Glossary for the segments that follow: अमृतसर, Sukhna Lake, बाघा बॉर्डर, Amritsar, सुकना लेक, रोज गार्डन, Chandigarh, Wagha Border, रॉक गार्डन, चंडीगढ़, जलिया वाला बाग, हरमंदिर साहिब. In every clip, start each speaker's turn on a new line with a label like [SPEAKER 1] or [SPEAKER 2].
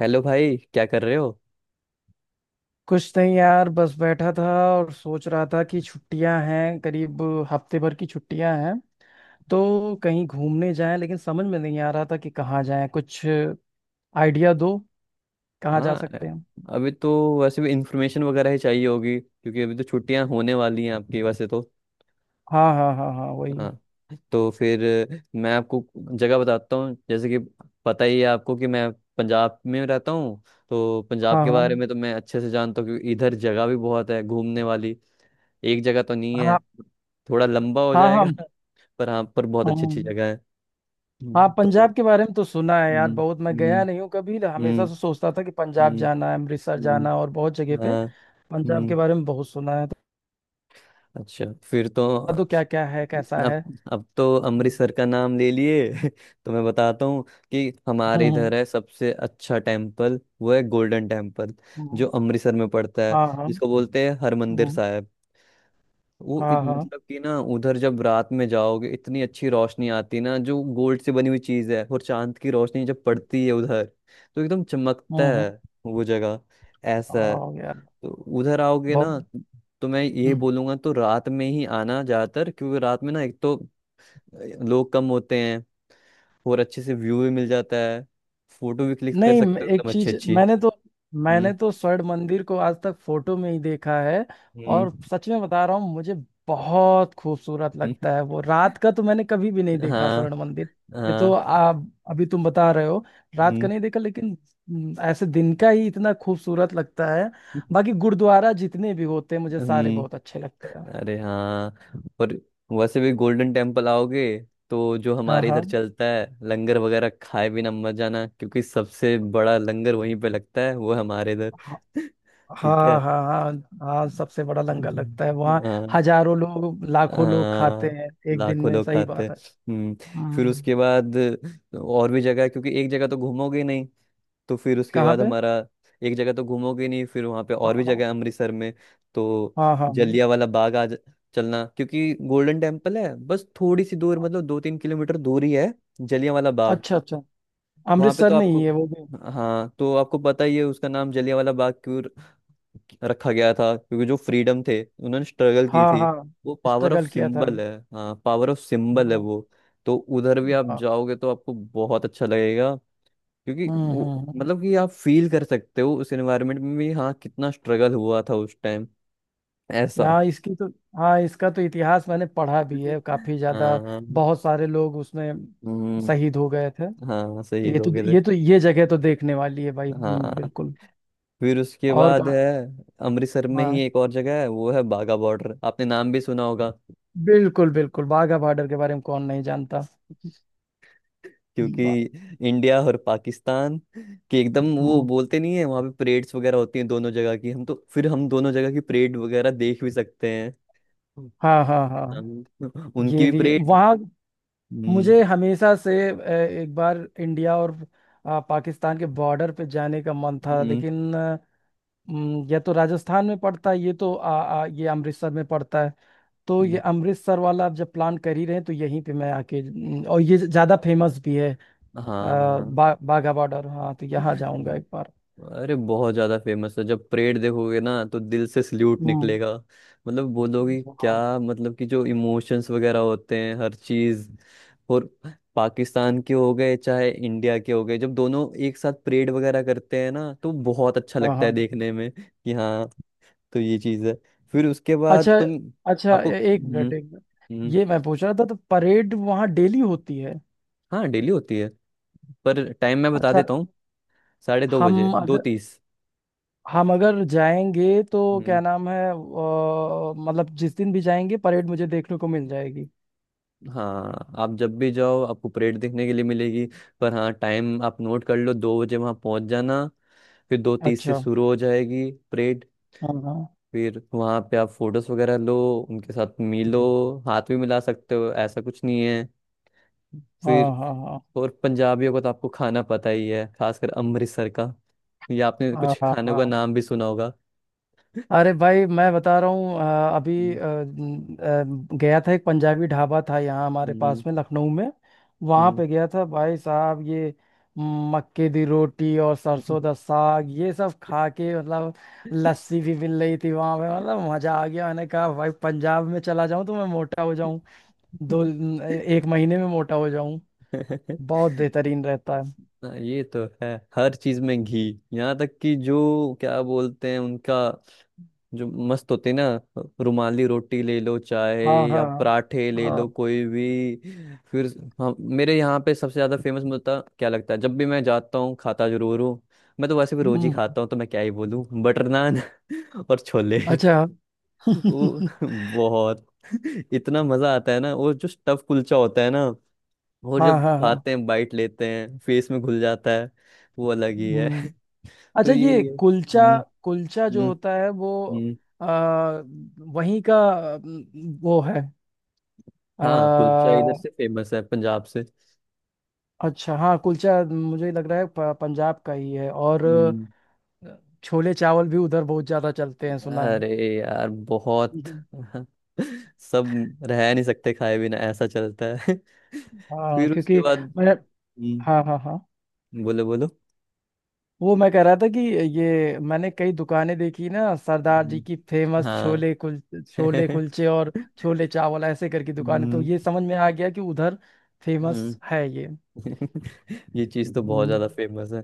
[SPEAKER 1] Hello भाई, क्या कर रहे हो?
[SPEAKER 2] कुछ नहीं यार, बस बैठा था और सोच रहा था कि छुट्टियां हैं करीब। हफ्ते भर की छुट्टियां हैं तो कहीं घूमने जाएं, लेकिन समझ में नहीं आ रहा था कि कहाँ जाएं। कुछ आइडिया दो, कहाँ जा
[SPEAKER 1] हाँ।
[SPEAKER 2] सकते हैं।
[SPEAKER 1] अभी तो वैसे भी इंफॉर्मेशन वगैरह ही चाहिए होगी क्योंकि अभी तो छुट्टियां होने वाली हैं आपकी, वैसे तो।
[SPEAKER 2] हाँ, हाँ, हाँ, हाँ, वही।
[SPEAKER 1] हाँ, तो फिर मैं आपको जगह बताता हूँ। जैसे कि पता ही है आपको कि मैं पंजाब में रहता हूँ, तो पंजाब
[SPEAKER 2] हाँ,
[SPEAKER 1] के
[SPEAKER 2] हाँ,
[SPEAKER 1] बारे में तो मैं अच्छे से जानता हूँ क्योंकि इधर जगह भी बहुत है घूमने वाली। एक जगह तो नहीं है,
[SPEAKER 2] हाँ,
[SPEAKER 1] थोड़ा लंबा हो
[SPEAKER 2] हाँ, हाँ।
[SPEAKER 1] जाएगा। पर हाँ, पर बहुत अच्छी अच्छी
[SPEAKER 2] हम।
[SPEAKER 1] जगह है।
[SPEAKER 2] हाँ,
[SPEAKER 1] हम्म।
[SPEAKER 2] पंजाब
[SPEAKER 1] तो
[SPEAKER 2] के बारे में तो सुना है
[SPEAKER 1] हम्म।
[SPEAKER 2] यार बहुत। मैं गया
[SPEAKER 1] हम्म।
[SPEAKER 2] नहीं हूँ कभी।
[SPEAKER 1] हम्म।
[SPEAKER 2] हमेशा से सोचता था कि पंजाब
[SPEAKER 1] हम्म।
[SPEAKER 2] जाना है, अमृतसर जाना
[SPEAKER 1] हम्म।
[SPEAKER 2] और बहुत जगह पे।
[SPEAKER 1] हाँ।
[SPEAKER 2] पंजाब के
[SPEAKER 1] हम्म।
[SPEAKER 2] बारे में बहुत सुना है तो
[SPEAKER 1] अच्छा। फिर तो
[SPEAKER 2] बता दो क्या क्या है, कैसा है।
[SPEAKER 1] अब अब तो
[SPEAKER 2] हम्म,
[SPEAKER 1] अमृतसर का नाम ले लिए तो मैं बताता हूँ कि
[SPEAKER 2] हम्म,
[SPEAKER 1] हमारे
[SPEAKER 2] हम्म,
[SPEAKER 1] इधर है सबसे अच्छा टेम्पल, वो है गोल्डन टेम्पल,
[SPEAKER 2] हम्म।
[SPEAKER 1] जो अमृतसर में पड़ता है,
[SPEAKER 2] हाँ, हाँ।
[SPEAKER 1] जिसको बोलते हैं हरमंदिर
[SPEAKER 2] हम्म।
[SPEAKER 1] साहिब। वो
[SPEAKER 2] हाँ, हाँ।
[SPEAKER 1] मतलब कि ना उधर जब रात में जाओगे इतनी अच्छी रोशनी आती है ना, जो गोल्ड से बनी हुई चीज है, और चांद की रोशनी जब पड़ती है उधर तो एकदम चमकता
[SPEAKER 2] हम्म,
[SPEAKER 1] है
[SPEAKER 2] हम्म।
[SPEAKER 1] वो जगह, ऐसा है।
[SPEAKER 2] हाँ यार,
[SPEAKER 1] तो उधर आओगे
[SPEAKER 2] बहुत।
[SPEAKER 1] ना, तो मैं ये
[SPEAKER 2] हम्म।
[SPEAKER 1] बोलूंगा, तो रात में ही आना ज्यादातर, क्योंकि रात में ना एक तो लोग कम होते हैं, और अच्छे से व्यू भी मिल जाता है, फोटो भी क्लिक कर
[SPEAKER 2] नहीं,
[SPEAKER 1] सकते हो
[SPEAKER 2] एक
[SPEAKER 1] एकदम अच्छी
[SPEAKER 2] चीज,
[SPEAKER 1] अच्छी।
[SPEAKER 2] मैंने तो मैंने
[SPEAKER 1] हम्म।
[SPEAKER 2] तो स्वर्ण मंदिर को आज तक फोटो में ही देखा है।
[SPEAKER 1] हम्म।
[SPEAKER 2] और सच में बता रहा हूँ, मुझे बहुत खूबसूरत
[SPEAKER 1] हम्म।
[SPEAKER 2] लगता है वो। रात का तो मैंने कभी भी नहीं देखा
[SPEAKER 1] हाँ।
[SPEAKER 2] स्वर्ण मंदिर। ये तो
[SPEAKER 1] हाँ।
[SPEAKER 2] आप, अभी तुम बता रहे हो। रात का
[SPEAKER 1] हम्म।
[SPEAKER 2] नहीं देखा लेकिन ऐसे दिन का ही इतना खूबसूरत लगता है। बाकी गुरुद्वारा जितने भी होते हैं मुझे सारे बहुत
[SPEAKER 1] हम्म।
[SPEAKER 2] अच्छे लगते हैं।
[SPEAKER 1] अरे हाँ, और वैसे भी गोल्डन टेम्पल आओगे, तो जो हमारे
[SPEAKER 2] हाँ,
[SPEAKER 1] इधर चलता है लंगर वगैरह, खाए बिना मत जाना, क्योंकि सबसे बड़ा लंगर वहीं पे लगता है वो, हमारे इधर।
[SPEAKER 2] हाँ,
[SPEAKER 1] ठीक है।
[SPEAKER 2] हाँ, हाँ, हाँ। हाँ, सबसे बड़ा लंगर लगता है वहाँ।
[SPEAKER 1] हाँ,
[SPEAKER 2] हजारों लोग, लाखों लोग खाते
[SPEAKER 1] हाँ,
[SPEAKER 2] हैं एक दिन
[SPEAKER 1] लाखों
[SPEAKER 2] में,
[SPEAKER 1] लोग
[SPEAKER 2] सही
[SPEAKER 1] खाते हैं।
[SPEAKER 2] बात है।
[SPEAKER 1] हम्म। फिर
[SPEAKER 2] हाँ।
[SPEAKER 1] उसके बाद और भी जगह है, क्योंकि एक जगह तो घूमोगे नहीं। तो फिर उसके
[SPEAKER 2] कहाँ
[SPEAKER 1] बाद
[SPEAKER 2] पे?
[SPEAKER 1] हमारा, एक जगह तो घूमोगे नहीं, फिर वहाँ पे
[SPEAKER 2] हाँ,
[SPEAKER 1] और भी
[SPEAKER 2] हाँ,
[SPEAKER 1] जगह है अमृतसर में। तो
[SPEAKER 2] हाँ, हाँ,
[SPEAKER 1] जलिया वाला बाग चलना, क्योंकि गोल्डन टेम्पल है बस थोड़ी सी दूर, मतलब 2-3 किलोमीटर दूर ही है जलिया वाला बाग।
[SPEAKER 2] अच्छा, अच्छा।
[SPEAKER 1] वहाँ पे
[SPEAKER 2] अमृतसर
[SPEAKER 1] तो
[SPEAKER 2] में ही
[SPEAKER 1] आपको,
[SPEAKER 2] है वो भी।
[SPEAKER 1] हाँ, तो आपको पता ही है उसका नाम जलिया वाला बाग क्यों रखा गया था, क्योंकि जो फ्रीडम थे उन्होंने स्ट्रगल की
[SPEAKER 2] हाँ,
[SPEAKER 1] थी।
[SPEAKER 2] हाँ।
[SPEAKER 1] वो पावर ऑफ
[SPEAKER 2] स्ट्रगल किया था।
[SPEAKER 1] सिंबल है। हाँ, पावर ऑफ सिंबल है
[SPEAKER 2] हाँ,
[SPEAKER 1] वो। तो उधर भी आप
[SPEAKER 2] वाह।
[SPEAKER 1] जाओगे, तो आपको बहुत अच्छा लगेगा, क्योंकि
[SPEAKER 2] हम्म,
[SPEAKER 1] वो,
[SPEAKER 2] हम्म,
[SPEAKER 1] मतलब कि आप फील कर सकते हो उस एनवायरनमेंट में भी, हाँ, कितना स्ट्रगल हुआ था उस टाइम, ऐसा।
[SPEAKER 2] हाँ इसकी तो हाँ, इसका तो इतिहास मैंने पढ़ा भी है काफी ज्यादा।
[SPEAKER 1] हाँ।
[SPEAKER 2] बहुत सारे लोग उसमें
[SPEAKER 1] हम्म।
[SPEAKER 2] शहीद हो गए थे।
[SPEAKER 1] हाँ,
[SPEAKER 2] तो
[SPEAKER 1] शहीद हो गए थे।
[SPEAKER 2] ये जगह तो देखने वाली है भाई।
[SPEAKER 1] हाँ,
[SPEAKER 2] बिल्कुल।
[SPEAKER 1] फिर उसके
[SPEAKER 2] और
[SPEAKER 1] बाद है, अमृतसर में ही
[SPEAKER 2] हाँ,
[SPEAKER 1] एक और जगह है, वो है बाघा बॉर्डर, आपने नाम भी सुना होगा।
[SPEAKER 2] बिल्कुल, बिल्कुल। वाघा बॉर्डर के बारे में कौन नहीं जानता।
[SPEAKER 1] क्योंकि
[SPEAKER 2] बा-
[SPEAKER 1] इंडिया और पाकिस्तान के एकदम वो
[SPEAKER 2] हम्म,
[SPEAKER 1] बोलते नहीं है, वहाँ पे परेड्स वगैरह होती हैं दोनों जगह की, हम तो फिर हम दोनों जगह की परेड वगैरह देख भी सकते हैं।
[SPEAKER 2] हाँ, हाँ, हाँ,
[SPEAKER 1] उनकी
[SPEAKER 2] ये
[SPEAKER 1] भी
[SPEAKER 2] भी है।
[SPEAKER 1] परेड।
[SPEAKER 2] वहाँ
[SPEAKER 1] हम्म।
[SPEAKER 2] मुझे हमेशा से एक बार इंडिया और पाकिस्तान के बॉर्डर पे जाने का मन था,
[SPEAKER 1] हम्म।
[SPEAKER 2] लेकिन या तो राजस्थान में पड़ता है ये, तो आ, आ, ये अमृतसर में पड़ता है। तो ये
[SPEAKER 1] हम्म।
[SPEAKER 2] अमृतसर वाला, आप जब प्लान कर ही रहे हैं तो यहीं पे मैं आके। और ये ज़्यादा फेमस भी है। अ,
[SPEAKER 1] हाँ, हाँ।
[SPEAKER 2] बाघा बॉर्डर, हाँ, तो यहाँ
[SPEAKER 1] हम्म।
[SPEAKER 2] जाऊंगा एक बार।
[SPEAKER 1] अरे बहुत ज्यादा फेमस है, जब परेड देखोगे ना तो दिल से सल्यूट
[SPEAKER 2] हम्म,
[SPEAKER 1] निकलेगा। मतलब बोलोगे क्या,
[SPEAKER 2] हाँ,
[SPEAKER 1] मतलब कि जो इमोशंस वगैरह होते हैं हर चीज। और पाकिस्तान के हो गए चाहे इंडिया के हो गए, जब दोनों एक साथ परेड वगैरह करते हैं ना तो बहुत अच्छा
[SPEAKER 2] हाँ,
[SPEAKER 1] लगता है
[SPEAKER 2] हाँ।
[SPEAKER 1] देखने में, कि हाँ। तो ये चीज है। फिर उसके बाद
[SPEAKER 2] अच्छा,
[SPEAKER 1] तुम,
[SPEAKER 2] अच्छा।
[SPEAKER 1] आपको।
[SPEAKER 2] एक
[SPEAKER 1] हम्म।
[SPEAKER 2] मिनट, एक मिनट।
[SPEAKER 1] हम्म।
[SPEAKER 2] ये मैं पूछ रहा था, तो परेड वहाँ डेली होती है?
[SPEAKER 1] हाँ, डेली होती है। पर टाइम मैं बता
[SPEAKER 2] अच्छा।
[SPEAKER 1] देता हूँ, 2:30 बजे,
[SPEAKER 2] हम
[SPEAKER 1] दो
[SPEAKER 2] अगर
[SPEAKER 1] तीस
[SPEAKER 2] हम अगर जाएंगे तो
[SPEAKER 1] हम्म।
[SPEAKER 2] क्या नाम है, मतलब जिस दिन भी जाएंगे, परेड मुझे देखने को मिल जाएगी।
[SPEAKER 1] हाँ, आप जब भी जाओ आपको परेड देखने के लिए मिलेगी। पर हाँ, टाइम आप नोट कर लो, 2 बजे वहाँ पहुँच जाना। फिर 2:30 से
[SPEAKER 2] अच्छा,
[SPEAKER 1] शुरू हो जाएगी परेड।
[SPEAKER 2] हाँ, हाँ,
[SPEAKER 1] फिर वहाँ पे आप फोटोज वगैरह लो, उनके साथ मिलो, हाथ भी मिला सकते हो, ऐसा कुछ नहीं है।
[SPEAKER 2] हाँ,
[SPEAKER 1] फिर,
[SPEAKER 2] हाँ, हाँ,
[SPEAKER 1] और पंजाबियों का तो आपको खाना पता ही है, खासकर अमृतसर का। ये आपने
[SPEAKER 2] हाँ,
[SPEAKER 1] कुछ
[SPEAKER 2] हाँ,
[SPEAKER 1] खानों का
[SPEAKER 2] हाँ।
[SPEAKER 1] नाम भी सुना होगा।
[SPEAKER 2] अरे भाई, मैं बता रहा हूँ अभी
[SPEAKER 1] हम्म।
[SPEAKER 2] गया था, एक पंजाबी ढाबा था यहाँ हमारे
[SPEAKER 1] हम्म।
[SPEAKER 2] पास में, लखनऊ में। वहाँ
[SPEAKER 1] हम्म।
[SPEAKER 2] पे गया था भाई साहब, ये मक्के दी रोटी और सरसों दा साग, ये सब खा के मतलब लस्सी भी मिल रही थी वहाँ पे, मतलब मजा आ गया। मैंने कहा भाई, पंजाब में चला जाऊँ तो मैं मोटा हो जाऊँ। दो न- एक महीने में मोटा हो जाऊँ। बहुत बेहतरीन रहता है।
[SPEAKER 1] हाँ, ये तो है। हर चीज में घी। यहाँ तक कि जो क्या बोलते हैं उनका, जो मस्त होते हैं ना, रुमाली रोटी ले लो चाहे
[SPEAKER 2] हाँ,
[SPEAKER 1] या
[SPEAKER 2] हाँ,
[SPEAKER 1] पराठे ले लो
[SPEAKER 2] हाँ,
[SPEAKER 1] कोई भी। फिर हम, मेरे यहाँ पे सबसे ज्यादा फेमस मुझे क्या लगता है, जब भी मैं जाता हूँ खाता जरूर हूँ। मैं तो वैसे भी रोज ही
[SPEAKER 2] हम्म,
[SPEAKER 1] खाता हूँ, तो मैं क्या ही बोलूँ, बटर नान। और छोले,
[SPEAKER 2] अच्छा।
[SPEAKER 1] वो बहुत इतना मजा आता है ना, वो जो स्टफ कुलचा होता है ना, और
[SPEAKER 2] हाँ,
[SPEAKER 1] जब
[SPEAKER 2] हाँ, हाँ,
[SPEAKER 1] खाते हैं बाइट लेते हैं फेस में घुल जाता है, वो अलग ही है।
[SPEAKER 2] हम्म,
[SPEAKER 1] तो
[SPEAKER 2] अच्छा। ये
[SPEAKER 1] यही है।
[SPEAKER 2] कुलचा,
[SPEAKER 1] हम्म।
[SPEAKER 2] कुलचा जो
[SPEAKER 1] हम्म।
[SPEAKER 2] होता है वो,
[SPEAKER 1] हम्म।
[SPEAKER 2] आ, वहीं का। वो है
[SPEAKER 1] हाँ, कुलचा इधर
[SPEAKER 2] आ,
[SPEAKER 1] से फेमस है, पंजाब से।
[SPEAKER 2] अच्छा, हाँ, कुलचा मुझे लग रहा है पंजाब का ही है। और
[SPEAKER 1] हम्म।
[SPEAKER 2] छोले चावल भी उधर बहुत ज़्यादा चलते हैं, सुना है।
[SPEAKER 1] अरे यार बहुत।
[SPEAKER 2] हम्म।
[SPEAKER 1] सब रह नहीं सकते खाए बिना, ऐसा चलता है।
[SPEAKER 2] हाँ,
[SPEAKER 1] फिर उसके
[SPEAKER 2] क्योंकि
[SPEAKER 1] बाद।
[SPEAKER 2] मैं,
[SPEAKER 1] हम्म।
[SPEAKER 2] हाँ, हाँ, हाँ,
[SPEAKER 1] बोलो बोलो।
[SPEAKER 2] वो मैं कह रहा था कि ये, मैंने कई दुकानें देखी ना, सरदार जी
[SPEAKER 1] हम्म।
[SPEAKER 2] की
[SPEAKER 1] हाँ।
[SPEAKER 2] फेमस छोले कुल छोले कुलचे और छोले चावल, ऐसे करके दुकानें तो
[SPEAKER 1] हम्म।
[SPEAKER 2] ये समझ में आ गया कि उधर फेमस
[SPEAKER 1] हम्म।
[SPEAKER 2] है ये।
[SPEAKER 1] ये चीज तो बहुत
[SPEAKER 2] हम्म।
[SPEAKER 1] ज्यादा फेमस है,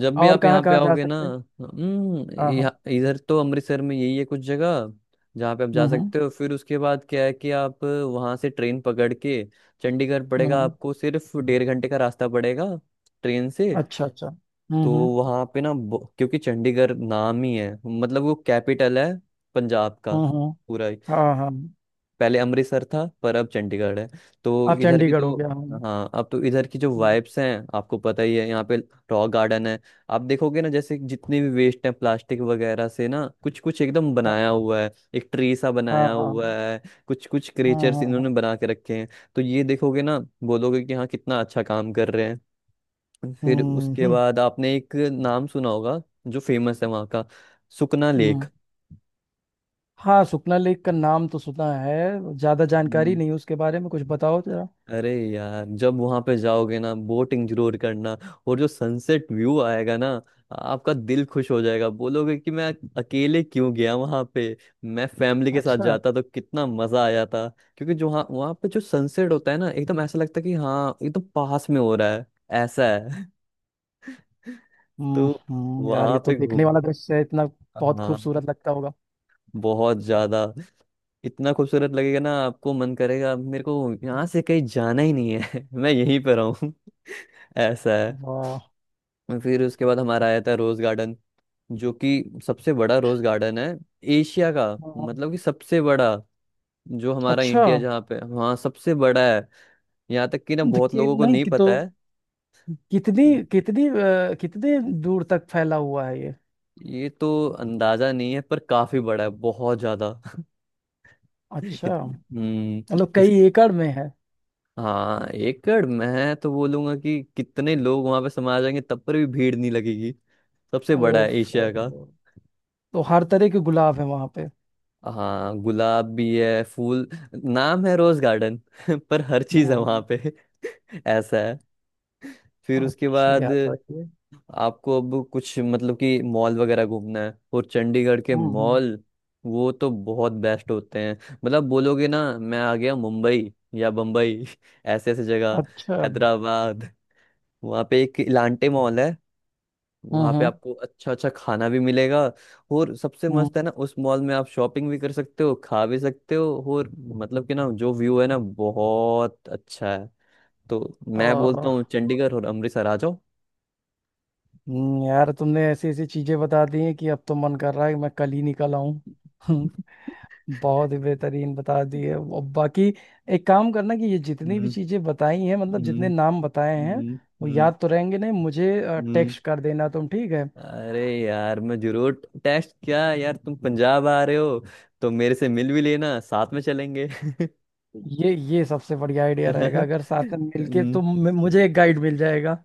[SPEAKER 1] जब भी
[SPEAKER 2] और
[SPEAKER 1] आप
[SPEAKER 2] कहाँ
[SPEAKER 1] यहाँ पे
[SPEAKER 2] कहाँ जा
[SPEAKER 1] आओगे ना।
[SPEAKER 2] सकते हैं?
[SPEAKER 1] हम्म।
[SPEAKER 2] हाँ, हाँ,
[SPEAKER 1] यहाँ इधर तो अमृतसर में यही है कुछ जगह जहाँ पे आप जा
[SPEAKER 2] हम्म, हम्म,
[SPEAKER 1] सकते हो। फिर उसके बाद क्या है कि आप वहाँ से ट्रेन पकड़ के चंडीगढ़
[SPEAKER 2] हम्म,
[SPEAKER 1] पड़ेगा
[SPEAKER 2] हम्म।
[SPEAKER 1] आपको, सिर्फ 1.5 घंटे का रास्ता पड़ेगा ट्रेन से।
[SPEAKER 2] अच्छा, अच्छा, हम्म,
[SPEAKER 1] तो
[SPEAKER 2] हम्म,
[SPEAKER 1] वहाँ पे ना क्योंकि चंडीगढ़ नाम ही है, मतलब वो कैपिटल है पंजाब का
[SPEAKER 2] हम्म,
[SPEAKER 1] पूरा।
[SPEAKER 2] हाँ, हाँ।
[SPEAKER 1] पहले अमृतसर था पर अब चंडीगढ़ है। तो
[SPEAKER 2] आप,
[SPEAKER 1] इधर की
[SPEAKER 2] चंडीगढ़ हो
[SPEAKER 1] तो,
[SPEAKER 2] गया, हाँ,
[SPEAKER 1] हाँ, अब तो इधर की जो वाइब्स हैं, आपको पता ही है। यहाँ पे रॉक गार्डन है। आप देखोगे ना, जैसे जितने भी वेस्ट है प्लास्टिक वगैरह से ना, कुछ कुछ एकदम
[SPEAKER 2] हाँ,
[SPEAKER 1] बनाया हुआ है, एक ट्री सा
[SPEAKER 2] हाँ,
[SPEAKER 1] बनाया हुआ
[SPEAKER 2] हाँ,
[SPEAKER 1] है, कुछ कुछ
[SPEAKER 2] हाँ,
[SPEAKER 1] क्रिएचर्स
[SPEAKER 2] हाँ,
[SPEAKER 1] इन्होंने
[SPEAKER 2] हाँ,
[SPEAKER 1] बना के रखे हैं। तो ये देखोगे ना, बोलोगे कि हाँ, कितना अच्छा काम कर रहे हैं। फिर
[SPEAKER 2] हम्म,
[SPEAKER 1] उसके
[SPEAKER 2] हम्म,
[SPEAKER 1] बाद आपने एक नाम सुना होगा, जो फेमस है वहाँ का, सुकना लेक।
[SPEAKER 2] हम्म। हाँ, सुखना लेक का नाम तो सुना है, ज्यादा जानकारी नहीं उसके बारे में, कुछ बताओ जरा।
[SPEAKER 1] अरे यार जब वहां पे जाओगे ना, बोटिंग जरूर करना, और जो सनसेट व्यू आएगा ना, आपका दिल खुश हो जाएगा, बोलोगे कि मैं अकेले क्यों गया वहां पे, मैं फैमिली के साथ
[SPEAKER 2] अच्छा,
[SPEAKER 1] जाता तो कितना मजा आया था। क्योंकि जो वहाँ वहाँ पे जो सनसेट होता है ना, एकदम ऐसा लगता है कि हाँ, एकदम पास में हो रहा है, ऐसा है। तो
[SPEAKER 2] हम्म, हम्म। यार,
[SPEAKER 1] वहां
[SPEAKER 2] ये तो
[SPEAKER 1] पे घूम
[SPEAKER 2] देखने वाला दृश्य है इतना, बहुत खूबसूरत
[SPEAKER 1] हाँ,
[SPEAKER 2] लगता होगा।
[SPEAKER 1] बहुत ज्यादा, इतना खूबसूरत लगेगा ना, आपको मन करेगा मेरे को यहाँ से कहीं जाना ही नहीं है। मैं यहीं पर रहूं, ऐसा है।
[SPEAKER 2] वाह।
[SPEAKER 1] और फिर उसके बाद हमारा आया था रोज गार्डन, जो कि सबसे बड़ा रोज गार्डन है एशिया का,
[SPEAKER 2] हाँ,
[SPEAKER 1] मतलब कि सबसे बड़ा, जो हमारा
[SPEAKER 2] अच्छा।
[SPEAKER 1] इंडिया जहाँ पे वहाँ सबसे बड़ा है। यहाँ तक कि ना
[SPEAKER 2] तो
[SPEAKER 1] बहुत
[SPEAKER 2] कि,
[SPEAKER 1] लोगों को
[SPEAKER 2] नहीं
[SPEAKER 1] नहीं
[SPEAKER 2] कि तो
[SPEAKER 1] पता है।
[SPEAKER 2] कितनी
[SPEAKER 1] हम्म।
[SPEAKER 2] कितनी अ, कितने दूर तक फैला हुआ है ये?
[SPEAKER 1] ये तो अंदाजा नहीं है, पर काफी बड़ा है, बहुत ज्यादा। इत,
[SPEAKER 2] अच्छा,
[SPEAKER 1] हम्म,
[SPEAKER 2] मतलब
[SPEAKER 1] इस
[SPEAKER 2] कई एकड़ में है।
[SPEAKER 1] हाँ, एकड़ मैं तो बोलूंगा कि कितने लोग वहां पे समा जाएंगे तब पर भी भीड़ नहीं लगेगी, सबसे बड़ा है
[SPEAKER 2] ओफ,
[SPEAKER 1] एशिया।
[SPEAKER 2] ओहो। तो हर तरह के गुलाब है वहां पे।
[SPEAKER 1] हाँ, गुलाब भी है, फूल, नाम है रोज गार्डन। पर हर
[SPEAKER 2] हम्म,
[SPEAKER 1] चीज है वहां पे। ऐसा है। फिर उसके
[SPEAKER 2] अच्छा,
[SPEAKER 1] बाद
[SPEAKER 2] याद रखिए।
[SPEAKER 1] आपको अब कुछ, मतलब कि मॉल वगैरह घूमना है, और चंडीगढ़ के
[SPEAKER 2] हम्म,
[SPEAKER 1] मॉल, वो तो बहुत बेस्ट होते हैं, मतलब बोलोगे ना मैं आ गया मुंबई या बम्बई। ऐसे ऐसे जगह,
[SPEAKER 2] अच्छा, हम्म,
[SPEAKER 1] हैदराबाद। वहाँ पे एक इलांटे मॉल है, वहाँ पे
[SPEAKER 2] हम्म,
[SPEAKER 1] आपको अच्छा अच्छा खाना भी मिलेगा। और सबसे
[SPEAKER 2] हम्म।
[SPEAKER 1] मस्त है ना, उस मॉल में आप शॉपिंग भी कर सकते हो, खा भी सकते हो, और मतलब कि ना, जो व्यू है ना बहुत अच्छा है। तो मैं बोलता
[SPEAKER 2] और
[SPEAKER 1] हूँ, चंडीगढ़ और अमृतसर आ जाओ।
[SPEAKER 2] यार तुमने ऐसी ऐसी चीजें बता दी हैं कि अब तो मन कर रहा है कि मैं कल ही निकल आऊं। बहुत ही बेहतरीन बता दी है। और बाकी, एक काम करना कि ये जितनी भी
[SPEAKER 1] हम्म।
[SPEAKER 2] चीजें बताई हैं, मतलब जितने
[SPEAKER 1] हम्म।
[SPEAKER 2] नाम बताए हैं,
[SPEAKER 1] हम्म।
[SPEAKER 2] वो
[SPEAKER 1] हम्म।
[SPEAKER 2] याद तो रहेंगे नहीं मुझे।
[SPEAKER 1] हम्म।
[SPEAKER 2] टेक्स्ट कर देना तुम, ठीक है?
[SPEAKER 1] अरे यार, मैं जरूर टेस्ट, क्या यार तुम पंजाब आ रहे हो, तो मेरे से मिल भी लेना, साथ में चलेंगे।
[SPEAKER 2] ये सबसे बढ़िया आइडिया रहेगा, अगर साथ में मिलके
[SPEAKER 1] हम्म,
[SPEAKER 2] तुम मुझे एक गाइड मिल जाएगा।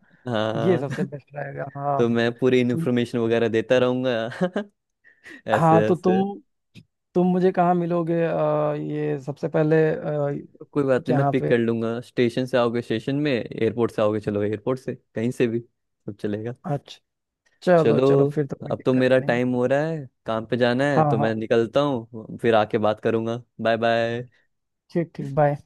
[SPEAKER 2] ये
[SPEAKER 1] हाँ।
[SPEAKER 2] सबसे बेस्ट रहेगा,
[SPEAKER 1] तो
[SPEAKER 2] हाँ।
[SPEAKER 1] मैं पूरी
[SPEAKER 2] तुम
[SPEAKER 1] इन्फॉर्मेशन वगैरह देता रहूंगा।
[SPEAKER 2] हाँ,
[SPEAKER 1] ऐसे
[SPEAKER 2] तो
[SPEAKER 1] ऐसे।
[SPEAKER 2] तुम मुझे कहाँ मिलोगे, ये सबसे पहले,
[SPEAKER 1] कोई बात नहीं, मैं
[SPEAKER 2] यहाँ
[SPEAKER 1] पिक
[SPEAKER 2] पे।
[SPEAKER 1] कर लूंगा, स्टेशन से आओगे स्टेशन में, एयरपोर्ट से आओगे, चलो एयरपोर्ट से, कहीं से भी सब चलेगा।
[SPEAKER 2] अच्छा, चलो,
[SPEAKER 1] चलो,
[SPEAKER 2] चलो, फिर तो कोई
[SPEAKER 1] अब तो
[SPEAKER 2] दिक्कत ही
[SPEAKER 1] मेरा
[SPEAKER 2] नहीं।
[SPEAKER 1] टाइम हो रहा है, काम पे जाना है
[SPEAKER 2] हाँ,
[SPEAKER 1] तो
[SPEAKER 2] हाँ,
[SPEAKER 1] मैं निकलता हूँ, फिर आके बात करूंगा, बाय बाय।
[SPEAKER 2] ठीक, ठीक, बाय।